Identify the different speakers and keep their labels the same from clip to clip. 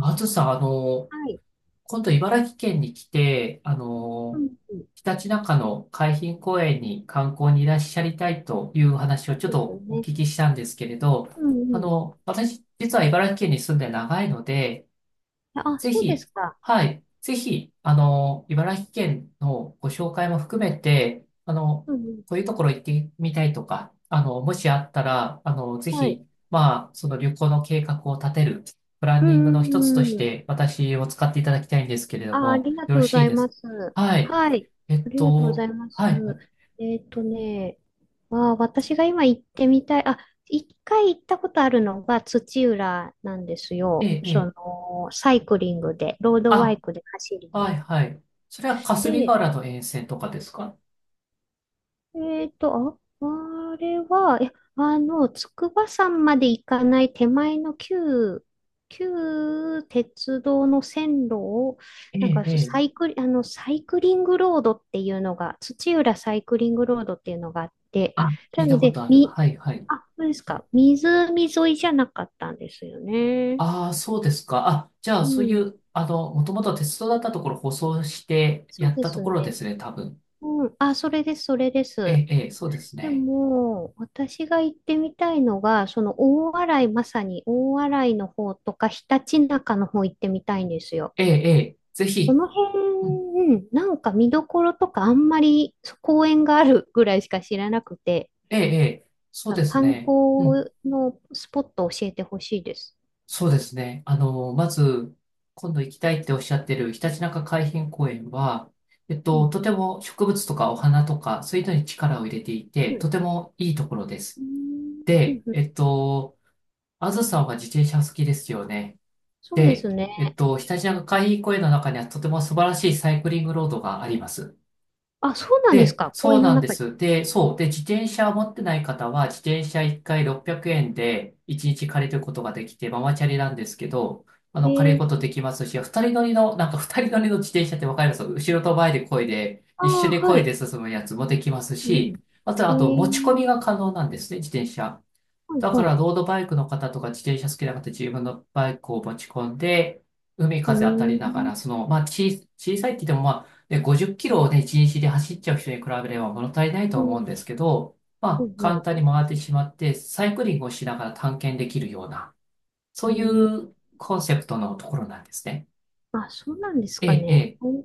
Speaker 1: あずさん、
Speaker 2: はい。
Speaker 1: 今度茨城県に来て、
Speaker 2: うんうん。
Speaker 1: ひたちなかの海浜公園に観光にいらっしゃりたいという話
Speaker 2: そ
Speaker 1: を
Speaker 2: う
Speaker 1: ちょっ
Speaker 2: ですよ
Speaker 1: とお
Speaker 2: ね。
Speaker 1: 聞きしたんですけれど、
Speaker 2: うんうん。
Speaker 1: 私、実は茨城県に住んで長いので、
Speaker 2: あ、
Speaker 1: ぜ
Speaker 2: そうで
Speaker 1: ひ、
Speaker 2: すか。
Speaker 1: はい、ぜひ、茨城県のご紹介も含めて、
Speaker 2: うんうん。
Speaker 1: こういうところ行ってみたいとか、もしあったら、ぜ
Speaker 2: はい。
Speaker 1: ひ、まあ、その旅行の計画を立てる、プラン
Speaker 2: う
Speaker 1: ニング
Speaker 2: ん
Speaker 1: の一つと
Speaker 2: うん
Speaker 1: し
Speaker 2: うん。
Speaker 1: て、私を使っていただきたいんですけれど
Speaker 2: あ、あ
Speaker 1: も、
Speaker 2: りが
Speaker 1: よ
Speaker 2: と
Speaker 1: ろ
Speaker 2: うご
Speaker 1: し
Speaker 2: ざ
Speaker 1: い
Speaker 2: い
Speaker 1: です
Speaker 2: ます。
Speaker 1: か？はい。
Speaker 2: はい。ありがとうございます。
Speaker 1: はい、はい。
Speaker 2: えっとね、あ、私が今行ってみたい。あ、一回行ったことあるのが土浦なんです
Speaker 1: え
Speaker 2: よ。
Speaker 1: え、ええ。
Speaker 2: サイクリングで、ロードバイ
Speaker 1: あ、
Speaker 2: クで走り
Speaker 1: はい、
Speaker 2: に。
Speaker 1: はい。それは霞ヶ
Speaker 2: で、
Speaker 1: 浦の沿線とかですか？
Speaker 2: えっと、あ、あれは、え、あの、筑波山まで行かない手前の旧鉄道の線路を、
Speaker 1: え
Speaker 2: なん
Speaker 1: え、
Speaker 2: か
Speaker 1: ええ。
Speaker 2: サイクリングロードっていうのが、土浦サイクリングロードっていうのがあって、
Speaker 1: あ、聞
Speaker 2: な
Speaker 1: いた
Speaker 2: の
Speaker 1: こと
Speaker 2: で、
Speaker 1: ある。はい、はい。
Speaker 2: あ、そうですか。湖沿いじゃなかったんですよね。
Speaker 1: ああ、そうですか。あ、じゃあ、
Speaker 2: う
Speaker 1: そうい
Speaker 2: ん、
Speaker 1: う、もともと鉄道だったところ舗装して
Speaker 2: そ
Speaker 1: や
Speaker 2: う
Speaker 1: っ
Speaker 2: で
Speaker 1: たと
Speaker 2: す
Speaker 1: ころで
Speaker 2: ね。
Speaker 1: すね、多分。
Speaker 2: うん、あ、それです、それで
Speaker 1: え
Speaker 2: す。
Speaker 1: え、ええ、そうです
Speaker 2: で
Speaker 1: ね。
Speaker 2: も、私が行ってみたいのが、その大洗、まさに大洗の方とか、ひたちなかの方行ってみたいんですよ。
Speaker 1: ええ、ええ、ぜ
Speaker 2: こ
Speaker 1: ひ。
Speaker 2: の辺、
Speaker 1: うん。
Speaker 2: うん、なんか見どころとかあんまり、そう、公園があるぐらいしか知らなくて。
Speaker 1: ええ、ええ、そう
Speaker 2: あ、
Speaker 1: です
Speaker 2: 観光
Speaker 1: ね。うん。
Speaker 2: のスポットを教えてほしいです。
Speaker 1: そうですね。まず、今度行きたいっておっしゃってるひたちなか海浜公園は、
Speaker 2: うん。
Speaker 1: とても植物とかお花とか、そういうのに力を入れてい
Speaker 2: う
Speaker 1: て、と
Speaker 2: ん。
Speaker 1: てもいいところで
Speaker 2: う
Speaker 1: す。
Speaker 2: んうん
Speaker 1: で、
Speaker 2: うん。
Speaker 1: あずさんは自転車好きですよね。
Speaker 2: そうで
Speaker 1: で、
Speaker 2: すね。
Speaker 1: ひたちなか海浜公園の中にはとても素晴らしいサイクリングロードがあります。
Speaker 2: あ、そうなんです
Speaker 1: で、
Speaker 2: か。公
Speaker 1: そう
Speaker 2: 園の
Speaker 1: なんで
Speaker 2: 中に。
Speaker 1: す。で、そう。で、自転車を持ってない方は、自転車1回600円で1日借りることができて、ママチャリなんですけど、
Speaker 2: え
Speaker 1: 借りるこ
Speaker 2: ー、
Speaker 1: とできますし、二人乗りの、なんか二人乗りの自転車ってわかります？後ろと前で漕いで、
Speaker 2: あ
Speaker 1: 一緒
Speaker 2: あ、
Speaker 1: に漕
Speaker 2: は
Speaker 1: い
Speaker 2: い。
Speaker 1: で進むやつもできます
Speaker 2: う
Speaker 1: し、
Speaker 2: ん。
Speaker 1: あと、
Speaker 2: え
Speaker 1: あと、持ち込み
Speaker 2: ー、
Speaker 1: が可能なんですね、自転車。
Speaker 2: はい、
Speaker 1: だか
Speaker 2: は
Speaker 1: ら
Speaker 2: い。
Speaker 1: ロードバイクの方とか自転車好きな方自分のバイクを持ち込んで、海
Speaker 2: う
Speaker 1: 風当たり
Speaker 2: ー
Speaker 1: なが
Speaker 2: ん。
Speaker 1: ら、その、まあ、ち、小さいって言っても、まあ、ね、50キロをね、一日で走っちゃう人に比べれば物足りないと
Speaker 2: う
Speaker 1: 思うん
Speaker 2: ん
Speaker 1: ですけど、ま
Speaker 2: う
Speaker 1: あ、
Speaker 2: ん
Speaker 1: 簡
Speaker 2: う
Speaker 1: 単に回ってしまって、サイクリングをしながら探検できるような、そう
Speaker 2: ん。
Speaker 1: い
Speaker 2: うん。
Speaker 1: うコンセプトのところなんですね。
Speaker 2: あ、そうなんです
Speaker 1: え
Speaker 2: か
Speaker 1: え、え
Speaker 2: ね。
Speaker 1: え、
Speaker 2: うん、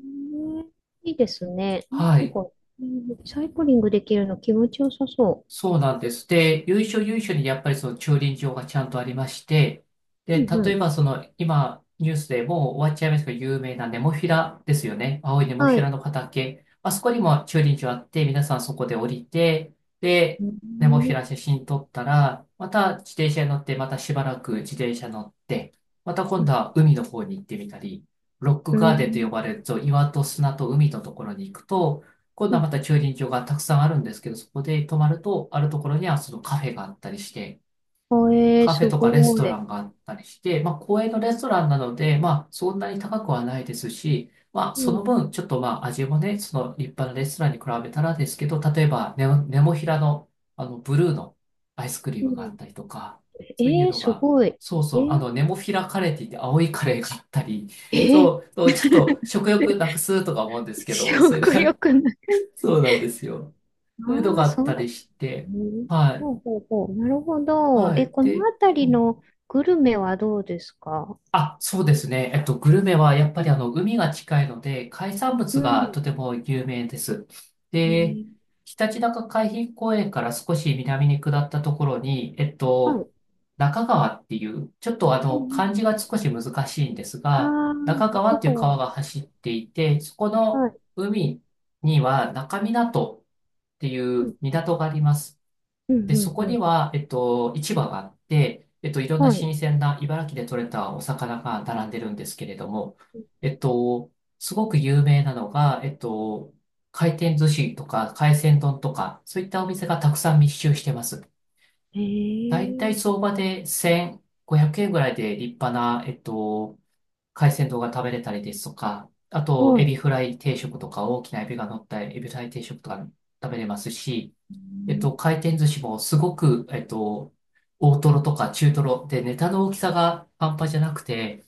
Speaker 2: いいですね。
Speaker 1: は
Speaker 2: なん
Speaker 1: い。
Speaker 2: か、うん、サイクリングできるの気持ちよさそ
Speaker 1: そうなんです。で、由緒にやっぱりその駐輪場がちゃんとありまして、
Speaker 2: う。
Speaker 1: で、
Speaker 2: うん
Speaker 1: 例
Speaker 2: う
Speaker 1: え
Speaker 2: ん。
Speaker 1: ばその今ニュースでもう終わっちゃいますけど、有名なネモフィラですよね。青いネモフ
Speaker 2: は
Speaker 1: ィラ
Speaker 2: い。
Speaker 1: の畑。あそこにも駐輪場あって、皆さんそこで降りて、で、
Speaker 2: う
Speaker 1: ネモフィラ
Speaker 2: ん。
Speaker 1: 写真撮ったら、また自転車に乗って、またしばらく自転車乗って、また今度
Speaker 2: う
Speaker 1: は海の方に行ってみたり、ロックガーデンと呼
Speaker 2: ん。
Speaker 1: ばれると、岩と砂と海のところに行くと、今
Speaker 2: う
Speaker 1: 度は
Speaker 2: ん。
Speaker 1: また駐輪場がたくさんあるんですけど、そこで泊まると、あるところにはそのカフェがあったりして、
Speaker 2: あ、えー、
Speaker 1: カフ
Speaker 2: す
Speaker 1: ェとかレス
Speaker 2: ご
Speaker 1: トラ
Speaker 2: い。
Speaker 1: ンがあったりして、まあ、公園のレストランなので、まあ、そんなに高くはないですし、まあ、
Speaker 2: う
Speaker 1: その
Speaker 2: ん。
Speaker 1: 分、ちょっとまあ、味もね、その立派なレストランに比べたらですけど、例えばネモ、ネモフィラの、ブルーのアイスクリー
Speaker 2: う
Speaker 1: ムがあっ
Speaker 2: ん。
Speaker 1: たりとか、そういう
Speaker 2: えー、
Speaker 1: の
Speaker 2: す
Speaker 1: が、
Speaker 2: ごい。え
Speaker 1: そうそう、
Speaker 2: ー、
Speaker 1: ネモフィラカレーって言って青いカレーがあったり、
Speaker 2: えー、
Speaker 1: そう、そうちょっと食欲なくすとか思うんで すけど、そういうの
Speaker 2: 食
Speaker 1: が、
Speaker 2: 欲ない。
Speaker 1: そうなんですよ。そういうの
Speaker 2: あ
Speaker 1: が
Speaker 2: あ、
Speaker 1: あっ
Speaker 2: そ
Speaker 1: た
Speaker 2: う。
Speaker 1: りして、
Speaker 2: うん。
Speaker 1: はい、
Speaker 2: ほうほうほう。なるほど。
Speaker 1: は
Speaker 2: え、
Speaker 1: い。
Speaker 2: この
Speaker 1: で、
Speaker 2: 辺
Speaker 1: う
Speaker 2: り
Speaker 1: ん
Speaker 2: のグルメはどうですか？
Speaker 1: あ、そうですね。グルメはやっぱり海が近いので、海産
Speaker 2: う
Speaker 1: 物
Speaker 2: ん。
Speaker 1: がとても有名です。
Speaker 2: え
Speaker 1: で、
Speaker 2: ー。
Speaker 1: ひたちなか海浜公園から少し南に下ったところに、
Speaker 2: はい。
Speaker 1: 中川っていう、ちょっと
Speaker 2: うんうん
Speaker 1: 漢
Speaker 2: う
Speaker 1: 字
Speaker 2: ん。
Speaker 1: が少し難しいんです
Speaker 2: あ
Speaker 1: が、
Speaker 2: あ、
Speaker 1: 中川
Speaker 2: 中
Speaker 1: っていう
Speaker 2: 川。
Speaker 1: 川が走っていて、そこの
Speaker 2: はい。
Speaker 1: 海には中港ってい
Speaker 2: う
Speaker 1: う
Speaker 2: ん。
Speaker 1: 港があります。
Speaker 2: う
Speaker 1: で、
Speaker 2: ん、う
Speaker 1: そ
Speaker 2: ん、
Speaker 1: こ
Speaker 2: う
Speaker 1: に
Speaker 2: ん。
Speaker 1: は、市場があって、いろんな新
Speaker 2: は
Speaker 1: 鮮な茨城で採れたお魚が並んでるんですけれども、えっと、すごく有名なのが、回転寿司とか海鮮丼とか、そういったお店がたくさん密集してます。
Speaker 2: い。
Speaker 1: だいた
Speaker 2: へ
Speaker 1: い
Speaker 2: え、
Speaker 1: 相場で1500円ぐらいで立派な、海鮮丼が食べれたりですとか、あと、
Speaker 2: は
Speaker 1: エビ
Speaker 2: い。
Speaker 1: フライ定食とか、大きなエビが乗ったエビフライ定食とか食べれますし、
Speaker 2: うん、
Speaker 1: 回転寿司もすごく、大トロとか中トロでネタの大きさが半端じゃなくて、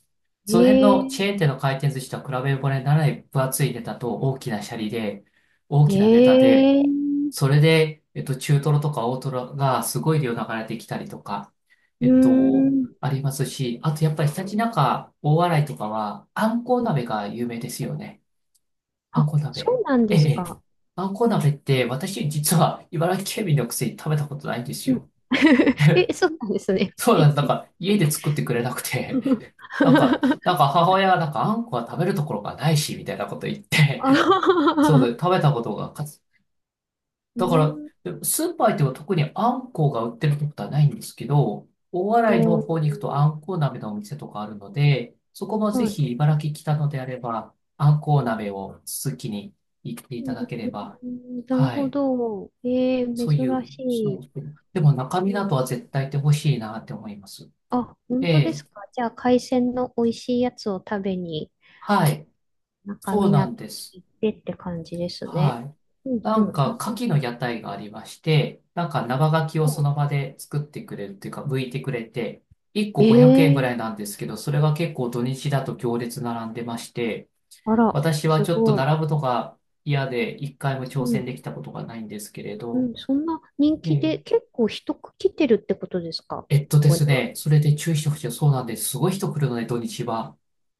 Speaker 2: へ
Speaker 1: その辺の
Speaker 2: え、
Speaker 1: チェーン店の回転寿司とは比べ物にならない分厚いネタと大きなシャリで、大きなネタで、
Speaker 2: へえ、う
Speaker 1: それで、中トロとか大トロがすごい量流れてきたりとか、
Speaker 2: ーん。
Speaker 1: ありますし、あとやっぱりひたちなか大洗とかは、あんこう
Speaker 2: うん。
Speaker 1: 鍋が有名ですよね。あん
Speaker 2: あ、
Speaker 1: こ
Speaker 2: そ
Speaker 1: 鍋。
Speaker 2: うなん
Speaker 1: え
Speaker 2: で
Speaker 1: え。
Speaker 2: す
Speaker 1: ええ
Speaker 2: か。
Speaker 1: あんこ鍋って、私実は茨城県民のくせに食べたことないんです
Speaker 2: うん。
Speaker 1: よ。
Speaker 2: え、そうなんですね。
Speaker 1: そうなんです。なんか家で作ってくれなくて、なんか、なんか 母親がなんかあんこは食べるところがないし、みたいなこと言っ
Speaker 2: あ
Speaker 1: て、そうで
Speaker 2: あ、
Speaker 1: 食べたことがかつ、
Speaker 2: う
Speaker 1: だから、
Speaker 2: ん。
Speaker 1: でもスーパー行っても特にあんこが売ってるってことはないんですけど、大
Speaker 2: う
Speaker 1: 洗の方に行くとあ
Speaker 2: ん。
Speaker 1: んこ鍋のお店とかあるので、そこもぜ
Speaker 2: はい。
Speaker 1: ひ茨城来たのであれば、あんこ鍋を続きに行って
Speaker 2: う
Speaker 1: いただければ、
Speaker 2: ん、なる
Speaker 1: は
Speaker 2: ほ
Speaker 1: い。
Speaker 2: ど。えー、
Speaker 1: そういう、
Speaker 2: 珍し
Speaker 1: そう
Speaker 2: い。
Speaker 1: そう。でも中
Speaker 2: う
Speaker 1: 身などは
Speaker 2: ん。
Speaker 1: 絶対ってほしいなって思います。
Speaker 2: あ、
Speaker 1: え
Speaker 2: 本当で
Speaker 1: え、
Speaker 2: すか。じゃあ、海鮮の美味しいやつを食べに、
Speaker 1: はい。
Speaker 2: 中港
Speaker 1: そう
Speaker 2: に
Speaker 1: な
Speaker 2: 行っ
Speaker 1: んです。
Speaker 2: てって感じですね。
Speaker 1: はい。
Speaker 2: うん、
Speaker 1: な
Speaker 2: うん。
Speaker 1: ん
Speaker 2: な
Speaker 1: か、
Speaker 2: る
Speaker 1: 牡蠣の屋台がありまして、なんか生牡蠣を
Speaker 2: ほ
Speaker 1: そ
Speaker 2: ど。
Speaker 1: の場で作ってくれるっていうか、剥いてくれて、1個500円ぐ
Speaker 2: え
Speaker 1: らい
Speaker 2: え。
Speaker 1: なんですけど、それが結構土日だと行列並んでまして、
Speaker 2: あら、
Speaker 1: 私は
Speaker 2: す
Speaker 1: ちょっと
Speaker 2: ごい。
Speaker 1: 並ぶのが嫌で、一回も挑
Speaker 2: う
Speaker 1: 戦
Speaker 2: ん、
Speaker 1: できたことがないんですけれ
Speaker 2: う
Speaker 1: ど、
Speaker 2: ん。そんな人
Speaker 1: え
Speaker 2: 気
Speaker 1: え、
Speaker 2: で、結構人来てるってことですか、こ
Speaker 1: えっとで
Speaker 2: こに
Speaker 1: す
Speaker 2: は？
Speaker 1: ね、それで注意してほしい。そうなんです。すごい人来るので、土日は。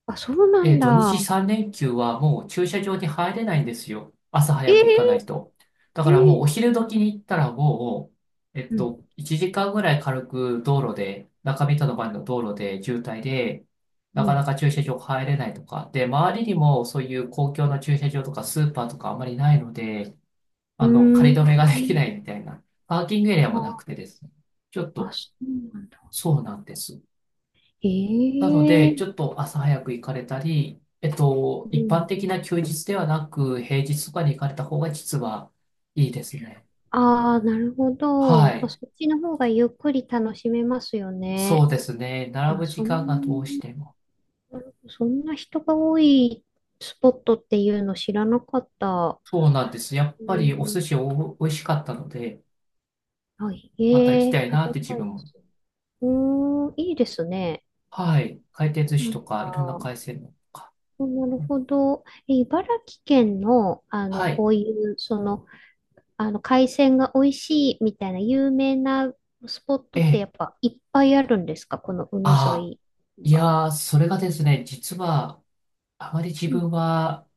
Speaker 2: あ、そうな
Speaker 1: え
Speaker 2: ん
Speaker 1: ー、土日
Speaker 2: だ。
Speaker 1: 3連休はもう駐車場に入れないんですよ。朝早く行かない
Speaker 2: え
Speaker 1: と。だ
Speaker 2: え、
Speaker 1: からもうお
Speaker 2: ええ。
Speaker 1: 昼時に行ったらもう、
Speaker 2: うん、
Speaker 1: 1時間ぐらい軽く道路で、中見との前の道路で渋滞で、な
Speaker 2: う
Speaker 1: かな
Speaker 2: ん。
Speaker 1: か駐車場入れないとか。で、周りにもそういう公共の駐車場とかスーパーとかあんまりないので、
Speaker 2: うー
Speaker 1: 仮止めができ
Speaker 2: ん。
Speaker 1: ないみたいな。パーキングエリアもな
Speaker 2: あ、
Speaker 1: くてですね。ちょっ
Speaker 2: あ、
Speaker 1: と、
Speaker 2: そうなんだ。
Speaker 1: そうなんです。なの
Speaker 2: え
Speaker 1: で、ち
Speaker 2: え。
Speaker 1: ょっと朝早く行かれたり、
Speaker 2: う
Speaker 1: 一般
Speaker 2: ん。
Speaker 1: 的な休日ではなく、平日とかに行かれた方が実はいいですね。
Speaker 2: ああ、なるほ
Speaker 1: は
Speaker 2: ど。まあ、
Speaker 1: い。
Speaker 2: そっちの方がゆっくり楽しめますよ
Speaker 1: そ
Speaker 2: ね。
Speaker 1: うですね。並
Speaker 2: あ、
Speaker 1: ぶ時
Speaker 2: そ
Speaker 1: 間がどうし
Speaker 2: ん、
Speaker 1: ても。
Speaker 2: そんな人が多いスポットっていうの知らなかった。
Speaker 1: そうなんです。やっ
Speaker 2: う
Speaker 1: ぱりお寿
Speaker 2: ん、
Speaker 1: 司お美味しかったので、
Speaker 2: あ、
Speaker 1: また行き
Speaker 2: え
Speaker 1: た
Speaker 2: え、
Speaker 1: い
Speaker 2: 食
Speaker 1: なっ
Speaker 2: べ
Speaker 1: て自
Speaker 2: た
Speaker 1: 分
Speaker 2: いで
Speaker 1: も。
Speaker 2: す。うーん、いいですね。
Speaker 1: はい。回転寿司
Speaker 2: なん
Speaker 1: とか、いろんな
Speaker 2: か、
Speaker 1: 海鮮のとか。
Speaker 2: なる
Speaker 1: ね
Speaker 2: ほど。え、茨城県の、あの、
Speaker 1: はい。
Speaker 2: こういう、その、海鮮が美味しいみたいな有名なスポット
Speaker 1: え
Speaker 2: ってや
Speaker 1: え。
Speaker 2: っぱいっぱいあるんですか、この海沿
Speaker 1: ああ、
Speaker 2: い？
Speaker 1: いやー、それがですね、実は、あまり自
Speaker 2: うん、
Speaker 1: 分は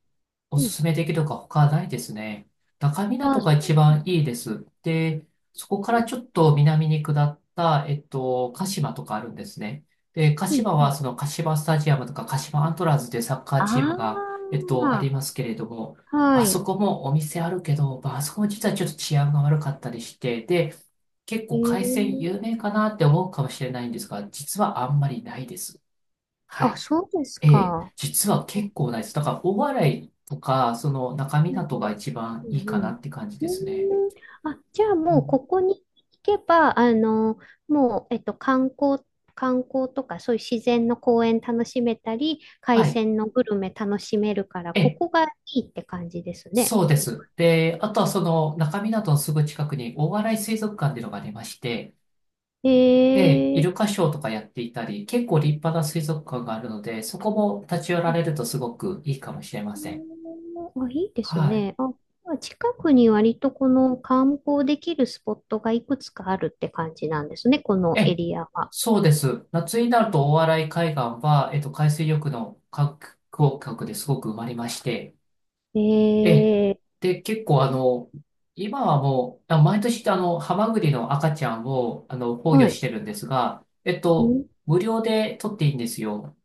Speaker 1: お
Speaker 2: う
Speaker 1: す
Speaker 2: ん。
Speaker 1: すめできるか他ないですね。中
Speaker 2: あ、
Speaker 1: 港が
Speaker 2: そ
Speaker 1: 一
Speaker 2: う。
Speaker 1: 番いいです。で、そこからちょっと南に下った、鹿島とかあるんですね。で、鹿
Speaker 2: うん、
Speaker 1: 島
Speaker 2: う
Speaker 1: は
Speaker 2: ん。
Speaker 1: その鹿島スタジアムとか鹿島アントラーズでサッカーチーム
Speaker 2: あ
Speaker 1: が、あり
Speaker 2: あ、
Speaker 1: ますけれども、
Speaker 2: は
Speaker 1: あそ
Speaker 2: い。
Speaker 1: こもお店あるけど、まあ、あそこも実はちょっと治安が悪かったりして、で、結構海鮮有
Speaker 2: ええ。
Speaker 1: 名かなって思うかもしれないんですが、実はあんまりないです。は
Speaker 2: あ、
Speaker 1: い。
Speaker 2: そうです
Speaker 1: ええ、
Speaker 2: か。
Speaker 1: 実は結構ないです。だから、大洗とか、その中
Speaker 2: うん
Speaker 1: 港が一番
Speaker 2: う
Speaker 1: い
Speaker 2: ん、
Speaker 1: い
Speaker 2: う
Speaker 1: か
Speaker 2: んう
Speaker 1: な
Speaker 2: ん。
Speaker 1: って感じですね。
Speaker 2: うん。あ、じゃあ
Speaker 1: は
Speaker 2: もうこ
Speaker 1: い。
Speaker 2: こに行けば、あの、もう、観光とか、そういう自然の公園楽しめたり、海
Speaker 1: はい、
Speaker 2: 鮮のグルメ楽しめるから、
Speaker 1: え
Speaker 2: こ
Speaker 1: え、
Speaker 2: こがいいって感じですね。
Speaker 1: そうです。で、あとはその中港のすぐ近くに大洗水族館っていうのがありまして、で、イ
Speaker 2: え
Speaker 1: ル
Speaker 2: え。
Speaker 1: カショーとかやっていたり、結構立派な水族館があるので、そこも立ち寄られるとすごくいいかもしれません。
Speaker 2: うん。あ、いいです
Speaker 1: はい。
Speaker 2: ね。あ、まあ、近くに割とこの観光できるスポットがいくつかあるって感じなんですね、こ
Speaker 1: え
Speaker 2: のエ
Speaker 1: え、
Speaker 2: リアは。
Speaker 1: そうです。夏になると大洗海岸は、海水浴の観光客ですごく埋まりまして、
Speaker 2: え
Speaker 1: ええ。
Speaker 2: ー、
Speaker 1: で、結構、今はもう、あ、毎年ハマグリの赤ちゃんを、放
Speaker 2: は
Speaker 1: 魚し
Speaker 2: い。
Speaker 1: てるんですが、
Speaker 2: ん。
Speaker 1: 無料で取っていいんですよ。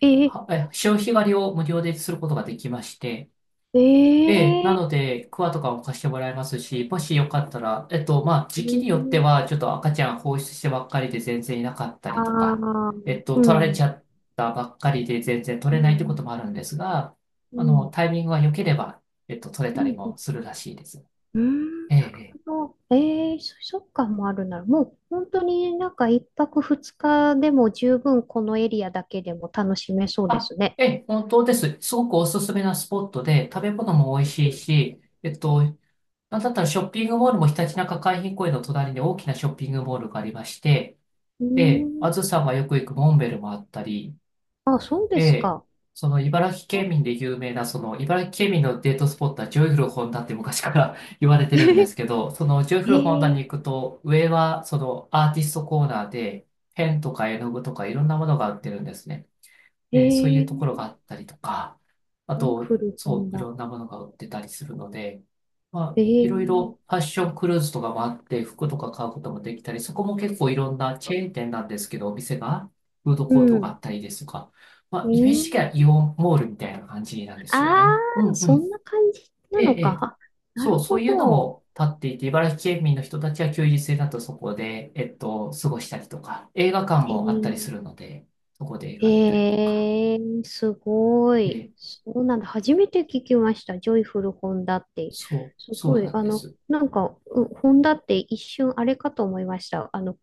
Speaker 2: えー、
Speaker 1: は、え、潮干狩りを無料ですることができまして、
Speaker 2: え
Speaker 1: ええ、な
Speaker 2: ー、
Speaker 1: ので、クワとかも貸してもらえますし、もしよかったら、えっと、まあ、
Speaker 2: え
Speaker 1: 時期によって
Speaker 2: ー、
Speaker 1: は、ちょっと赤ちゃん放出してばっかりで全然いなかった
Speaker 2: あ
Speaker 1: りとか、
Speaker 2: ー、う
Speaker 1: 取
Speaker 2: ん、
Speaker 1: ら
Speaker 2: う
Speaker 1: れちゃ
Speaker 2: ん、
Speaker 1: ったばっかりで全然取
Speaker 2: う
Speaker 1: れないってこと
Speaker 2: ん、
Speaker 1: もあるんですが、
Speaker 2: うん、
Speaker 1: タイミングが良ければ、取れ
Speaker 2: う
Speaker 1: たりも
Speaker 2: ん、
Speaker 1: するらしいです。
Speaker 2: うん
Speaker 1: ええ、ええ、
Speaker 2: と、そっかもあるなら、もう本当になんか一泊二日でも十分このエリアだけでも楽しめそうで
Speaker 1: あ、
Speaker 2: すね。
Speaker 1: ええ、本当です。すごくおすすめなスポットで、食べ物も美味しいし、えっと、なんだったらショッピングモールもひたちなか海浜公園の隣に大きなショッピングモールがありまして、
Speaker 2: う
Speaker 1: で、
Speaker 2: ん。
Speaker 1: あずさんがよく行くモンベルもあったり、
Speaker 2: あ、そうです
Speaker 1: で、
Speaker 2: か。
Speaker 1: その茨城
Speaker 2: あ。
Speaker 1: 県民で有名な、その茨城県民のデートスポットはジョイフルホンダって昔から 言われてるんです けど、そのジョイ
Speaker 2: え
Speaker 1: フルホンダに
Speaker 2: ー、
Speaker 1: 行くと、上はそのアーティストコーナーで、ペンとか絵の具とかいろんなものが売ってるんですね。
Speaker 2: え
Speaker 1: で、そういうところ
Speaker 2: ー、
Speaker 1: があったりとか、あと、
Speaker 2: 古
Speaker 1: そ
Speaker 2: 本
Speaker 1: う、い
Speaker 2: だ。
Speaker 1: ろんなものが売ってたりするので、ま
Speaker 2: え
Speaker 1: あ、い
Speaker 2: ー、
Speaker 1: ろいろファッションクルーズとかもあって、服とか買うこともできたり、そこも結構いろんなチェーン店なんですけど、お店が、フード
Speaker 2: う
Speaker 1: コートがあ
Speaker 2: ん、
Speaker 1: ったりですとか、ま
Speaker 2: う
Speaker 1: あ、イメージ
Speaker 2: ん。
Speaker 1: 的にはイオンモールみたいな感じなんですよ
Speaker 2: あ
Speaker 1: ね。う
Speaker 2: あ、
Speaker 1: んう
Speaker 2: そん
Speaker 1: ん。
Speaker 2: な感じな
Speaker 1: ええ、
Speaker 2: の
Speaker 1: え
Speaker 2: か。
Speaker 1: え。
Speaker 2: あ、な
Speaker 1: そう、
Speaker 2: る
Speaker 1: そ
Speaker 2: ほ
Speaker 1: ういうの
Speaker 2: ど。
Speaker 1: も立っていて、茨城県民の人たちは休日になるとそこで、過ごしたりとか、映画館
Speaker 2: え
Speaker 1: もあったり
Speaker 2: ー、
Speaker 1: するので、そこで映画見たりとか。
Speaker 2: えー、すごい。
Speaker 1: ええ、
Speaker 2: そうなんだ。初めて聞きました。ジョイフル本田って。
Speaker 1: そう、
Speaker 2: す
Speaker 1: そ
Speaker 2: ご
Speaker 1: う
Speaker 2: い。
Speaker 1: なん
Speaker 2: あ
Speaker 1: で
Speaker 2: の、
Speaker 1: す。
Speaker 2: なんか、本田って一瞬あれかと思いました。あの、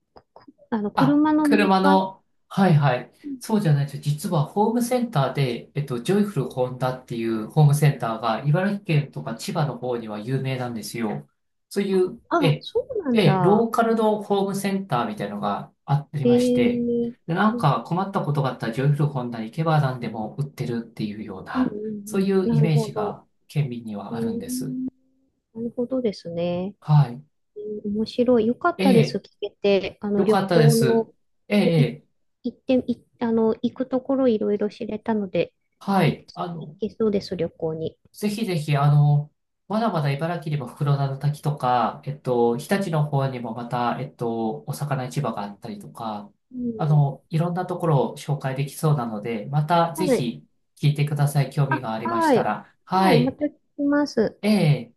Speaker 2: あの
Speaker 1: あ、
Speaker 2: 車のメー
Speaker 1: 車
Speaker 2: カー。
Speaker 1: の、はいはい。
Speaker 2: うん
Speaker 1: そうじゃないです。実はホームセンターで、ジョイフルホンダっていうホームセンターが、茨城県とか千葉の方には
Speaker 2: う
Speaker 1: 有
Speaker 2: ん。
Speaker 1: 名なんですよ。そういう、
Speaker 2: あ、
Speaker 1: え、
Speaker 2: そうなん
Speaker 1: え、ロー
Speaker 2: だ。
Speaker 1: カルのホームセンターみたいのがあり
Speaker 2: え
Speaker 1: まして、
Speaker 2: え。
Speaker 1: で、なん
Speaker 2: うん
Speaker 1: か困ったことがあったらジョイフルホンダに行けば何でも売ってるっていうよう
Speaker 2: うんう
Speaker 1: な、そうい
Speaker 2: ん。
Speaker 1: う
Speaker 2: な
Speaker 1: イ
Speaker 2: る
Speaker 1: メー
Speaker 2: ほ
Speaker 1: ジ
Speaker 2: ど。
Speaker 1: が県民に
Speaker 2: う
Speaker 1: は
Speaker 2: ー
Speaker 1: あるんです。
Speaker 2: ん、なるほどですね。
Speaker 1: はい。
Speaker 2: うん。面白い。よかっ
Speaker 1: え
Speaker 2: たです。
Speaker 1: え、
Speaker 2: 聞けて。あの、
Speaker 1: よ
Speaker 2: 旅
Speaker 1: かったで
Speaker 2: 行
Speaker 1: す。
Speaker 2: の、
Speaker 1: ええ、
Speaker 2: い、
Speaker 1: ええ、
Speaker 2: 行って、い、あの、行くところいろいろ知れたので、
Speaker 1: は
Speaker 2: 行
Speaker 1: い。
Speaker 2: き
Speaker 1: あ
Speaker 2: 行
Speaker 1: の、
Speaker 2: けそうです、旅行に。
Speaker 1: ぜひぜひ、あの、まだまだ茨城にも袋田の滝とか、日立の方にもまた、お魚市場があったりとか、
Speaker 2: うん、
Speaker 1: あの、いろんなところを紹介できそうなので、またぜ
Speaker 2: はい。
Speaker 1: ひ聞いてください。興味が
Speaker 2: あ、
Speaker 1: ありまし
Speaker 2: は
Speaker 1: た
Speaker 2: い。
Speaker 1: ら。
Speaker 2: は
Speaker 1: は
Speaker 2: い。ま
Speaker 1: い。
Speaker 2: た来ます。
Speaker 1: ええ。